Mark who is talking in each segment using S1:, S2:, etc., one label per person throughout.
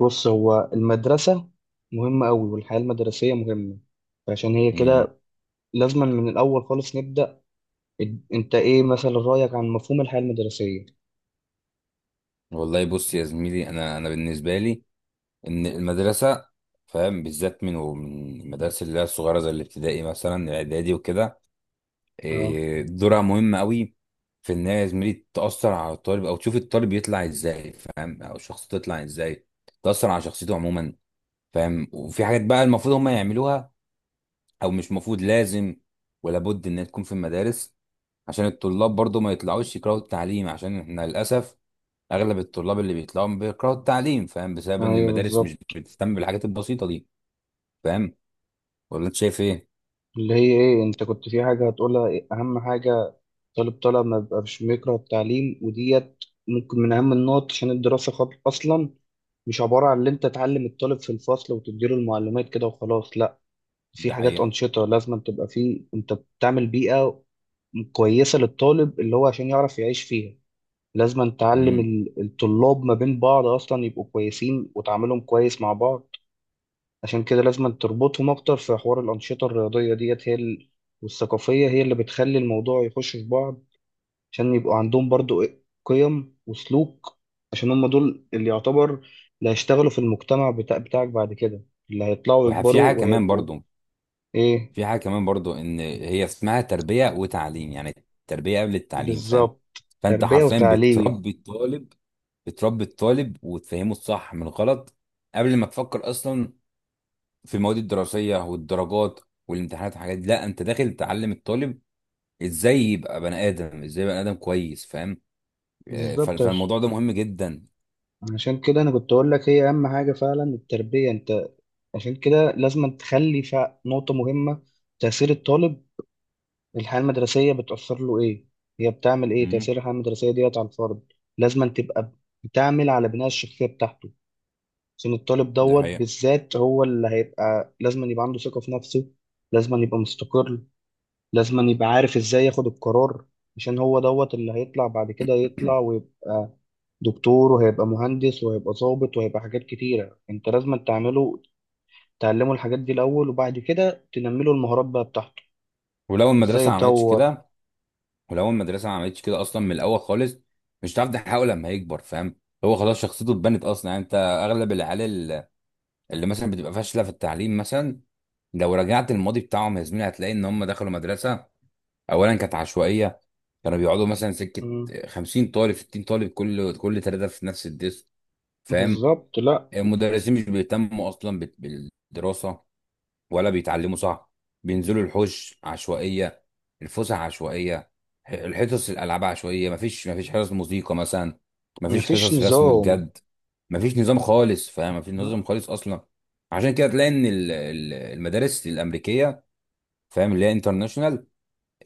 S1: بص هو المدرسة مهمة أوي، والحياة المدرسية مهمة عشان هي
S2: امم
S1: كده. لازم من الأول خالص نبدأ. أنت إيه مثلا رأيك عن مفهوم الحياة المدرسية؟
S2: والله بص يا زميلي، انا بالنسبه لي ان المدرسه، فاهم، بالذات من المدارس اللي هي الصغيره زي الابتدائي مثلا الاعدادي وكده.
S1: أه.
S2: إيه، دورها مهم قوي في ان هي يا زميلي تاثر على الطالب او تشوف الطالب يطلع ازاي، فاهم، او شخصيته تطلع ازاي، تاثر على شخصيته عموما، فاهم. وفي حاجات بقى المفروض هم يعملوها او مش مفروض، لازم ولا بد انها تكون في المدارس عشان الطلاب برضو ما يطلعوش يكرهوا التعليم، عشان احنا للاسف اغلب الطلاب اللي بيطلعوا بيكرهوا التعليم، فاهم، بسبب ان
S1: أيوه
S2: المدارس مش
S1: بالظبط.
S2: بتهتم بالحاجات البسيطه دي. فاهم؟ ولا انت شايف ايه؟
S1: اللي هي إيه أنت كنت في حاجة هتقولها إيه؟ أهم حاجة طالب طالع ما بيبقاش بيكره التعليم، وديت ممكن من أهم النقط، عشان الدراسة أصلا مش عبارة عن إن أنت تعلم الطالب في الفصل وتديله المعلومات كده وخلاص، لأ. في
S2: ده
S1: حاجات
S2: حقيقه.
S1: أنشطة لازم تبقى فيه، أنت بتعمل بيئة كويسة للطالب اللي هو عشان يعرف يعيش فيها. لازم تعلم
S2: امم.
S1: الطلاب ما بين بعض أصلا يبقوا كويسين، وتعاملهم كويس مع بعض. عشان كده لازم تربطهم أكتر في حوار الأنشطة الرياضية ديت، هي والثقافية، هي اللي بتخلي الموضوع يخش في بعض، عشان يبقوا عندهم برضو قيم وسلوك. عشان هم دول اللي يعتبر اللي هيشتغلوا في المجتمع بتاعك بعد كده، اللي هيطلعوا
S2: وفي حاجه
S1: يكبروا
S2: كمان
S1: وهيبقوا
S2: برضو
S1: إيه.
S2: في حاجه كمان برضو ان هي اسمها تربيه وتعليم، يعني التربيه قبل التعليم، فاهم.
S1: بالظبط،
S2: فانت
S1: تربية
S2: حرفيا
S1: وتعليم.
S2: بتربي الطالب، وتفهمه الصح من الغلط قبل ما تفكر اصلا في المواد الدراسيه والدرجات والامتحانات والحاجات دي. لا، انت داخل تعلم الطالب ازاي يبقى بني ادم، ازاي بني ادم كويس، فاهم. آه،
S1: بالظبط،
S2: فالموضوع ده مهم جدا.
S1: عشان كده انا كنت اقول لك هي اهم حاجه فعلا، التربيه. انت عشان كده لازم تخلي نقطه مهمه، تاثير الطالب. الحياه المدرسيه بتاثر له ايه؟ هي بتعمل ايه؟
S2: امم.
S1: تاثير الحياه المدرسيه ديت على الفرد لازم تبقى بتعمل على بناء الشخصيه بتاعته. عشان الطالب
S2: دي
S1: دوت
S2: حقيقة.
S1: بالذات هو اللي هيبقى لازم يبقى عنده ثقه في نفسه، لازم يبقى مستقر، لازم يبقى عارف ازاي ياخد القرار. عشان هو دوت اللي هيطلع بعد كده، يطلع ويبقى دكتور، وهيبقى مهندس، وهيبقى ضابط، وهيبقى حاجات كتيرة. انت لازم تعمله، تعلمه الحاجات دي الأول، وبعد كده تنمله المهارات بقى بتاعته،
S2: ولو
S1: ازاي
S2: المدرسة ما عملتش
S1: يطور.
S2: كده ولو المدرسة ما عملتش كده أصلا من الأول خالص، مش هتعرف تحققه لما يكبر، فاهم. هو خلاص شخصيته اتبنت أصلا. يعني أنت أغلب اللي مثلا بتبقى فاشلة في التعليم مثلا، لو رجعت الماضي بتاعهم يا زميلي هتلاقي إن هم دخلوا مدرسة أولا كانت عشوائية، كانوا بيقعدوا مثلا سكة،
S1: مم.
S2: 50 طالب، 60 طالب، كل ثلاثة في نفس الديسك، فاهم.
S1: بالظبط. لا،
S2: المدرسين مش بيهتموا أصلا بالدراسة، ولا بيتعلموا صح، بينزلوا الحوش عشوائية، الفسح عشوائية، الحصص الألعاب عشوائية، مفيش حصص موسيقى مثلا، مفيش
S1: مفيش
S2: حصص رسم
S1: نظام.
S2: بجد، مفيش نظام خالص، فاهم، مفيش نظام
S1: لا.
S2: خالص أصلا. عشان كده تلاقي إن المدارس الأمريكية، فاهم، اللي هي انترناشونال،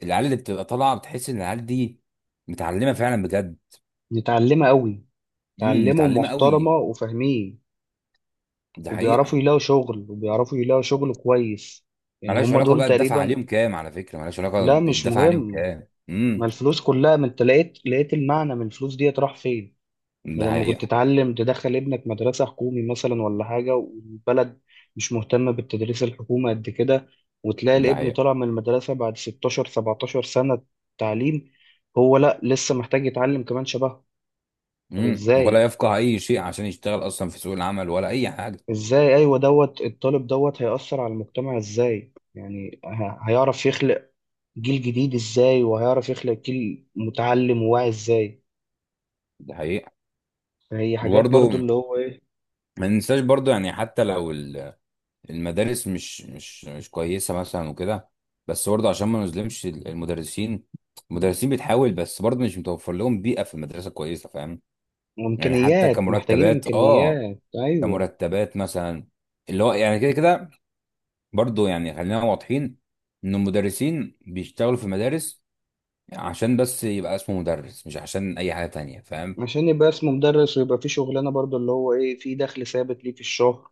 S2: العيال اللي بتبقى طالعة بتحس إن العيال دي متعلمة فعلا بجد.
S1: نتعلمه قوي،
S2: امم،
S1: تعلمه
S2: متعلمة
S1: محترمة
S2: قوي.
S1: وفاهمين،
S2: دي
S1: وبيعرفوا
S2: حقيقة.
S1: يلاقوا شغل، وبيعرفوا يلاقوا شغل كويس. يعني
S2: ملهاش
S1: هم
S2: علاقة
S1: دول
S2: بقى الدفع
S1: تقريبا.
S2: عليهم كام، على فكرة ملهاش علاقة
S1: لا مش
S2: الدفع عليهم
S1: مهم،
S2: كام.
S1: ما
S2: امم.
S1: الفلوس كلها، ما انت لقيت المعنى، من الفلوس ديت راح فين؟
S2: ده
S1: بدل ما كنت
S2: حقيقة.
S1: تتعلم تدخل ابنك مدرسة حكومي مثلا ولا حاجة، والبلد مش مهتمة بالتدريس الحكومي قد كده، وتلاقي
S2: ده
S1: الابن
S2: حقيقة.
S1: طالع من المدرسة بعد 16 17 سنة تعليم، هو لا لسه محتاج يتعلم كمان شبهه. طب
S2: مم. ولا
S1: ازاي؟
S2: يفقه اي شيء عشان يشتغل اصلا في سوق العمل ولا اي حاجه.
S1: ازاي؟ ايوه، دوت الطالب دوت هيأثر على المجتمع ازاي؟ يعني هيعرف يخلق جيل جديد ازاي؟ وهيعرف يخلق جيل متعلم وواعي ازاي؟
S2: ده حقيقه.
S1: فهي حاجات برضو
S2: وبرضه
S1: اللي هو ايه.
S2: ما ننساش برضه، يعني حتى لو المدارس مش كويسه مثلا وكده، بس برضه عشان ما نظلمش المدرسين. المدرسين بتحاول، بس برضه مش متوفر لهم بيئه في المدرسه كويسه، فاهم. يعني حتى
S1: وامكانيات، محتاجين
S2: كمرتبات، اه،
S1: امكانيات، ايوه.
S2: كمرتبات مثلا، اللي هو يعني كده كده، برضه يعني خلينا واضحين ان المدرسين بيشتغلوا في المدارس عشان بس يبقى اسمه مدرس، مش عشان اي حاجه تانية، فاهم.
S1: عشان يبقى اسمه مدرس، ويبقى فيه شغلانة برضو اللي هو ايه، فيه دخل ثابت ليه في الشهر،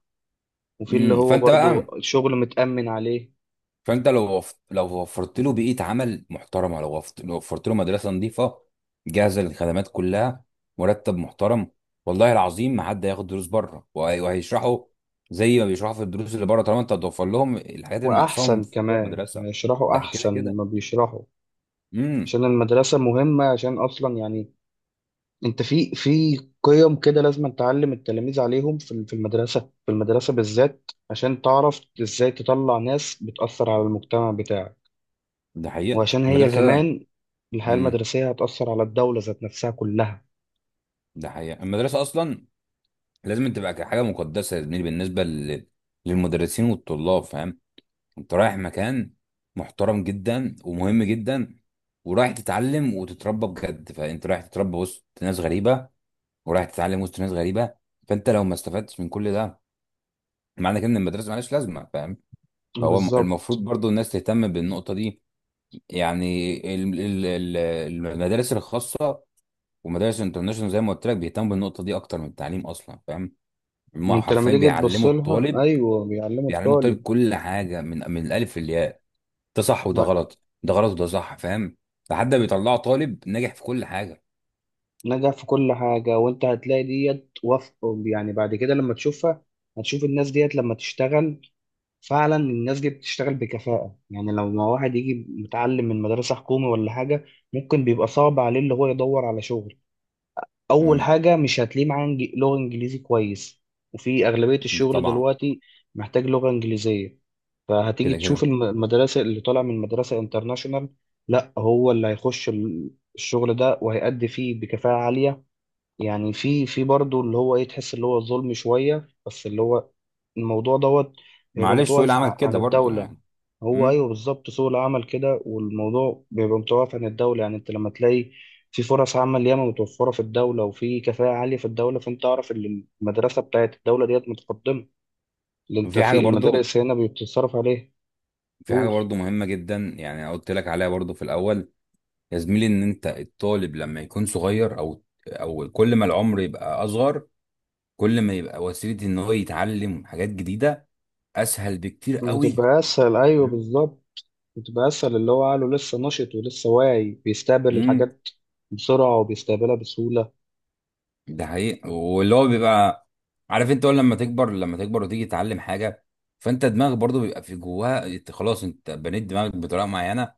S1: وفيه اللي
S2: امم.
S1: هو
S2: فانت بقى،
S1: برضو الشغل متأمن عليه.
S2: فانت لو وفرت له بيئه عمل محترمه، لو وفرت له مدرسه نظيفه جاهزه للخدمات كلها، مرتب محترم، والله العظيم ما حد هياخد دروس بره، وهيشرحوا زي ما بيشرحوا في الدروس اللي بره، طالما انت هتوفر لهم الحاجات اللي ناقصاهم
S1: وأحسن
S2: في جوه
S1: كمان يعني،
S2: المدرسه.
S1: يشرحوا
S2: ده كده
S1: أحسن
S2: كده.
S1: ما بيشرحوا.
S2: امم.
S1: عشان المدرسة مهمة، عشان أصلا يعني أنت في قيم كده لازم تعلم التلاميذ عليهم في المدرسة، في المدرسة بالذات، عشان تعرف إزاي تطلع ناس بتأثر على المجتمع بتاعك.
S2: ده حقيقه
S1: وعشان هي
S2: المدرسه.
S1: كمان الحياة
S2: امم.
S1: المدرسية هتأثر على الدولة ذات نفسها كلها.
S2: ده حقيقه المدرسه اصلا لازم تبقى حاجه مقدسه يا زميلي بالنسبه للمدرسين والطلاب، فاهم. انت رايح مكان محترم جدا ومهم جدا، ورايح تتعلم وتتربى بجد. فانت رايح تتربى وسط ناس غريبه، ورايح تتعلم وسط ناس غريبه، فانت لو ما استفدتش من كل ده، معنى كده ان المدرسه مالهاش لازمه، فاهم. فهو
S1: بالظبط،
S2: المفروض برضو الناس تهتم بالنقطه دي. يعني المدارس الخاصه ومدارس الانترناشونال، زي ما قلت لك بيهتموا بالنقطه دي اكتر من التعليم اصلا، فاهم. هم
S1: ما انت لما
S2: حرفيا
S1: تيجي تبص
S2: بيعلموا
S1: لها،
S2: الطالب،
S1: ايوه بيعلموا
S2: بيعلموا الطالب
S1: الطالب
S2: كل حاجه من الالف للياء، ده صح وده
S1: وهت-
S2: غلط، ده غلط وده صح، فاهم، لحد ما بيطلعوا طالب ناجح في كل حاجه.
S1: نجح في كل حاجه، وانت هتلاقي ديت يعني بعد كده لما تشوفها، هتشوف الناس ديت لما تشتغل، فعلا الناس دي بتشتغل بكفاءه. يعني لو ما واحد يجي متعلم من مدرسه حكومي ولا حاجه، ممكن بيبقى صعب عليه اللي هو يدور على شغل. اول
S2: امم.
S1: حاجه مش هتلاقيه معاه لغه انجليزي كويس، وفي اغلبيه الشغل
S2: طبعا.
S1: دلوقتي محتاج لغه انجليزيه. فهتيجي
S2: كده
S1: تشوف
S2: كده.
S1: المدرسه اللي طالع من مدرسه انترناشونال، لا هو اللي هيخش الشغل ده وهيأدي فيه بكفاءه عاليه. يعني في برضه اللي هو ايه، تحس اللي هو ظلم شويه، بس اللي هو الموضوع دوت هيبقى
S2: معلش سوق
S1: متوقف
S2: العمل
S1: عن
S2: كده برضو
S1: الدوله.
S2: يعني.
S1: هو
S2: امم.
S1: ايوه بالظبط، سوق العمل كده، والموضوع بيبقى متوقف عن الدوله، يعني انت لما تلاقي في فرص عمل ياما متوفره في الدوله، وفي كفاءه عاليه في الدوله، فانت اعرف ان المدرسه بتاعت الدوله ديت متقدمه، اللي انت
S2: وفي حاجه
S1: في
S2: برضو،
S1: المدارس هنا بتتصرف عليها. قول.
S2: مهمه جدا، يعني أنا قلت لك عليها برضو في الاول، يا زميلي ان انت الطالب لما يكون صغير، او كل ما العمر يبقى اصغر، كل ما يبقى وسيله ان هو يتعلم حاجات جديده اسهل بكتير قوي.
S1: بتبقى اسهل، ايوه
S2: امم.
S1: بالظبط، بتبقى اسهل، اللي هو عقله لسه نشط ولسه واعي، بيستقبل
S2: امم.
S1: الحاجات بسرعه وبيستقبلها بسهوله.
S2: ده حقيقي. واللي هو بيبقى عارف، انت اول لما تكبر، وتيجي تتعلم حاجه، فانت دماغك برضو بيبقى في جواها، انت خلاص انت بنيت دماغك بطريقه معينه.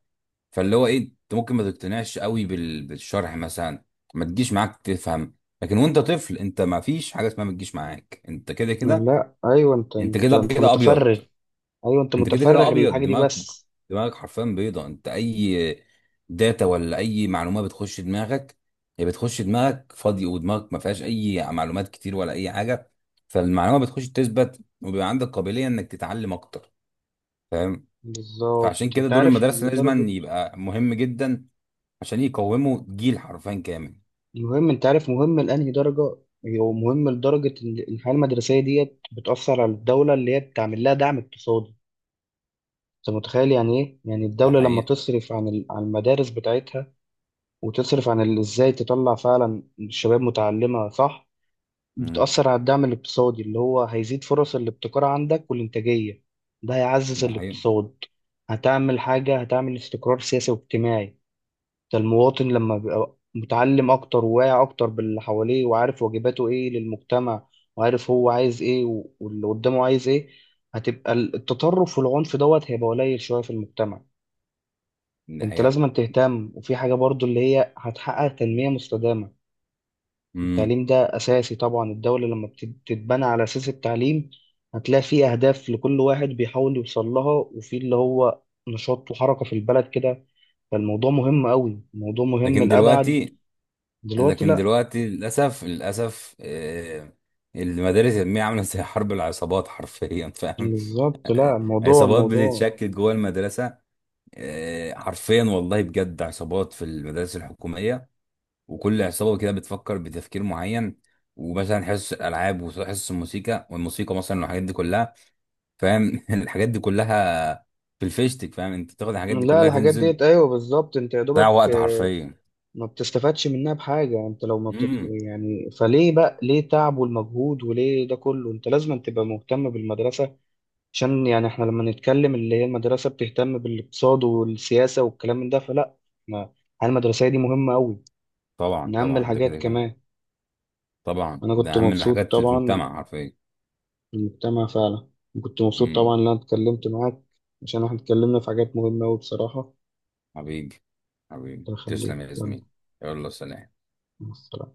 S2: فاللي هو ايه، انت ممكن ما تقتنعش قوي بالشرح مثلا، ما تجيش معاك تفهم. لكن وانت طفل، انت ما فيش حاجه اسمها ما تجيش معاك، انت كده كده.
S1: لا ايوه، انت
S2: انت
S1: انت
S2: كده
S1: انت
S2: كده ابيض
S1: متفرغ. ايوه انت
S2: انت كده
S1: متفرغ
S2: كده ابيض
S1: للحاجه دي
S2: دماغك.
S1: بس.
S2: دماغك حرفيا بيضه. انت اي داتا ولا اي معلومه بتخش دماغك، هي بتخش دماغك فاضي، ودماغك ما فيهاش اي معلومات كتير ولا اي حاجه، فالمعلومه بتخش تثبت، وبيبقى عندك قابليه انك تتعلم اكتر.
S1: بالظبط،
S2: فعشان كده
S1: انت
S2: دور
S1: عارف
S2: المدرسه
S1: لدرجه.
S2: لازم يبقى مهم جدا عشان يقوموا جيل حرفيا كامل.
S1: المهم انت عارف مهم لانهي درجه؟ هو مهم لدرجه ان الحياه المدرسيه ديت بتاثر على الدوله، اللي هي بتعمل لها دعم اقتصادي. انت متخيل يعني ايه؟ يعني
S2: ده
S1: الدوله لما
S2: حقيقي.
S1: تصرف عن المدارس بتاعتها، وتصرف ازاي تطلع فعلا الشباب متعلمه صح،
S2: امم.
S1: بتاثر على الدعم الاقتصادي، اللي هو هيزيد فرص الابتكار عندك والانتاجيه، ده هيعزز
S2: ده حقيقي.
S1: الاقتصاد. هتعمل حاجه، هتعمل استقرار سياسي واجتماعي. ده المواطن لما بيبقى متعلم أكتر وواعي أكتر باللي حواليه، وعارف واجباته إيه للمجتمع، وعارف هو عايز إيه واللي قدامه عايز إيه، هتبقى التطرف والعنف دوت هيبقى قليل شوية في المجتمع.
S2: ده
S1: أنت
S2: حقيقي.
S1: لازم تهتم، وفي حاجة برضو اللي هي هتحقق تنمية مستدامة،
S2: امم.
S1: التعليم ده أساسي طبعا. الدولة لما بتتبنى على أساس التعليم، هتلاقي في أهداف لكل واحد بيحاول يوصل لها، وفي اللي هو نشاط وحركة في البلد كده. فالموضوع مهم قوي، الموضوع مهم
S2: لكن
S1: لأبعد.
S2: دلوقتي
S1: دلوقتي
S2: لكن
S1: لا،
S2: دلوقتي للأسف، للأسف، آه، المدارس العلمية عاملة زي حرب العصابات حرفيا، فاهم.
S1: بالظبط، لا الموضوع،
S2: عصابات
S1: الموضوع
S2: بتتشكل جوه المدرسة. آه، حرفيا والله بجد، عصابات في المدارس الحكومية، وكل عصابة كده بتفكر بتفكير معين، ومثلا حصص الألعاب وحصص الموسيقى والموسيقى مثلا والحاجات دي كلها، فاهم. الحاجات دي كلها في الفيشتك، فاهم. انت تاخد الحاجات دي
S1: لا،
S2: كلها،
S1: الحاجات
S2: تنزل
S1: ديت، ايوه بالظبط، انت يا
S2: تضيع
S1: دوبك
S2: وقت حرفيا.
S1: ما بتستفادش منها بحاجه، انت لو ما
S2: امم.
S1: يعني فليه بقى؟ ليه تعب والمجهود وليه ده كله؟ انت لازم تبقى مهتم بالمدرسه، عشان يعني احنا لما نتكلم اللي هي المدرسه بتهتم بالاقتصاد والسياسه والكلام من ده، فلا ما الحياة المدرسيه دي مهمه قوي،
S2: طبعا
S1: من اهم
S2: طبعا، ده
S1: الحاجات
S2: كده كده.
S1: كمان.
S2: طبعا
S1: انا كنت
S2: ده اهم
S1: مبسوط
S2: الحاجات اللي في
S1: طبعا
S2: المجتمع حرفيا.
S1: بالمجتمع فعلا، كنت مبسوط طبعا
S2: امم.
S1: ان انا اتكلمت معاك، عشان احنا اتكلمنا في حاجات مهمه قوي بصراحه.
S2: حبيبي، حبيبي
S1: الله
S2: تسلم
S1: يخليك،
S2: يا
S1: يلا،
S2: زميلي. يلا سلام.
S1: مع السلامة.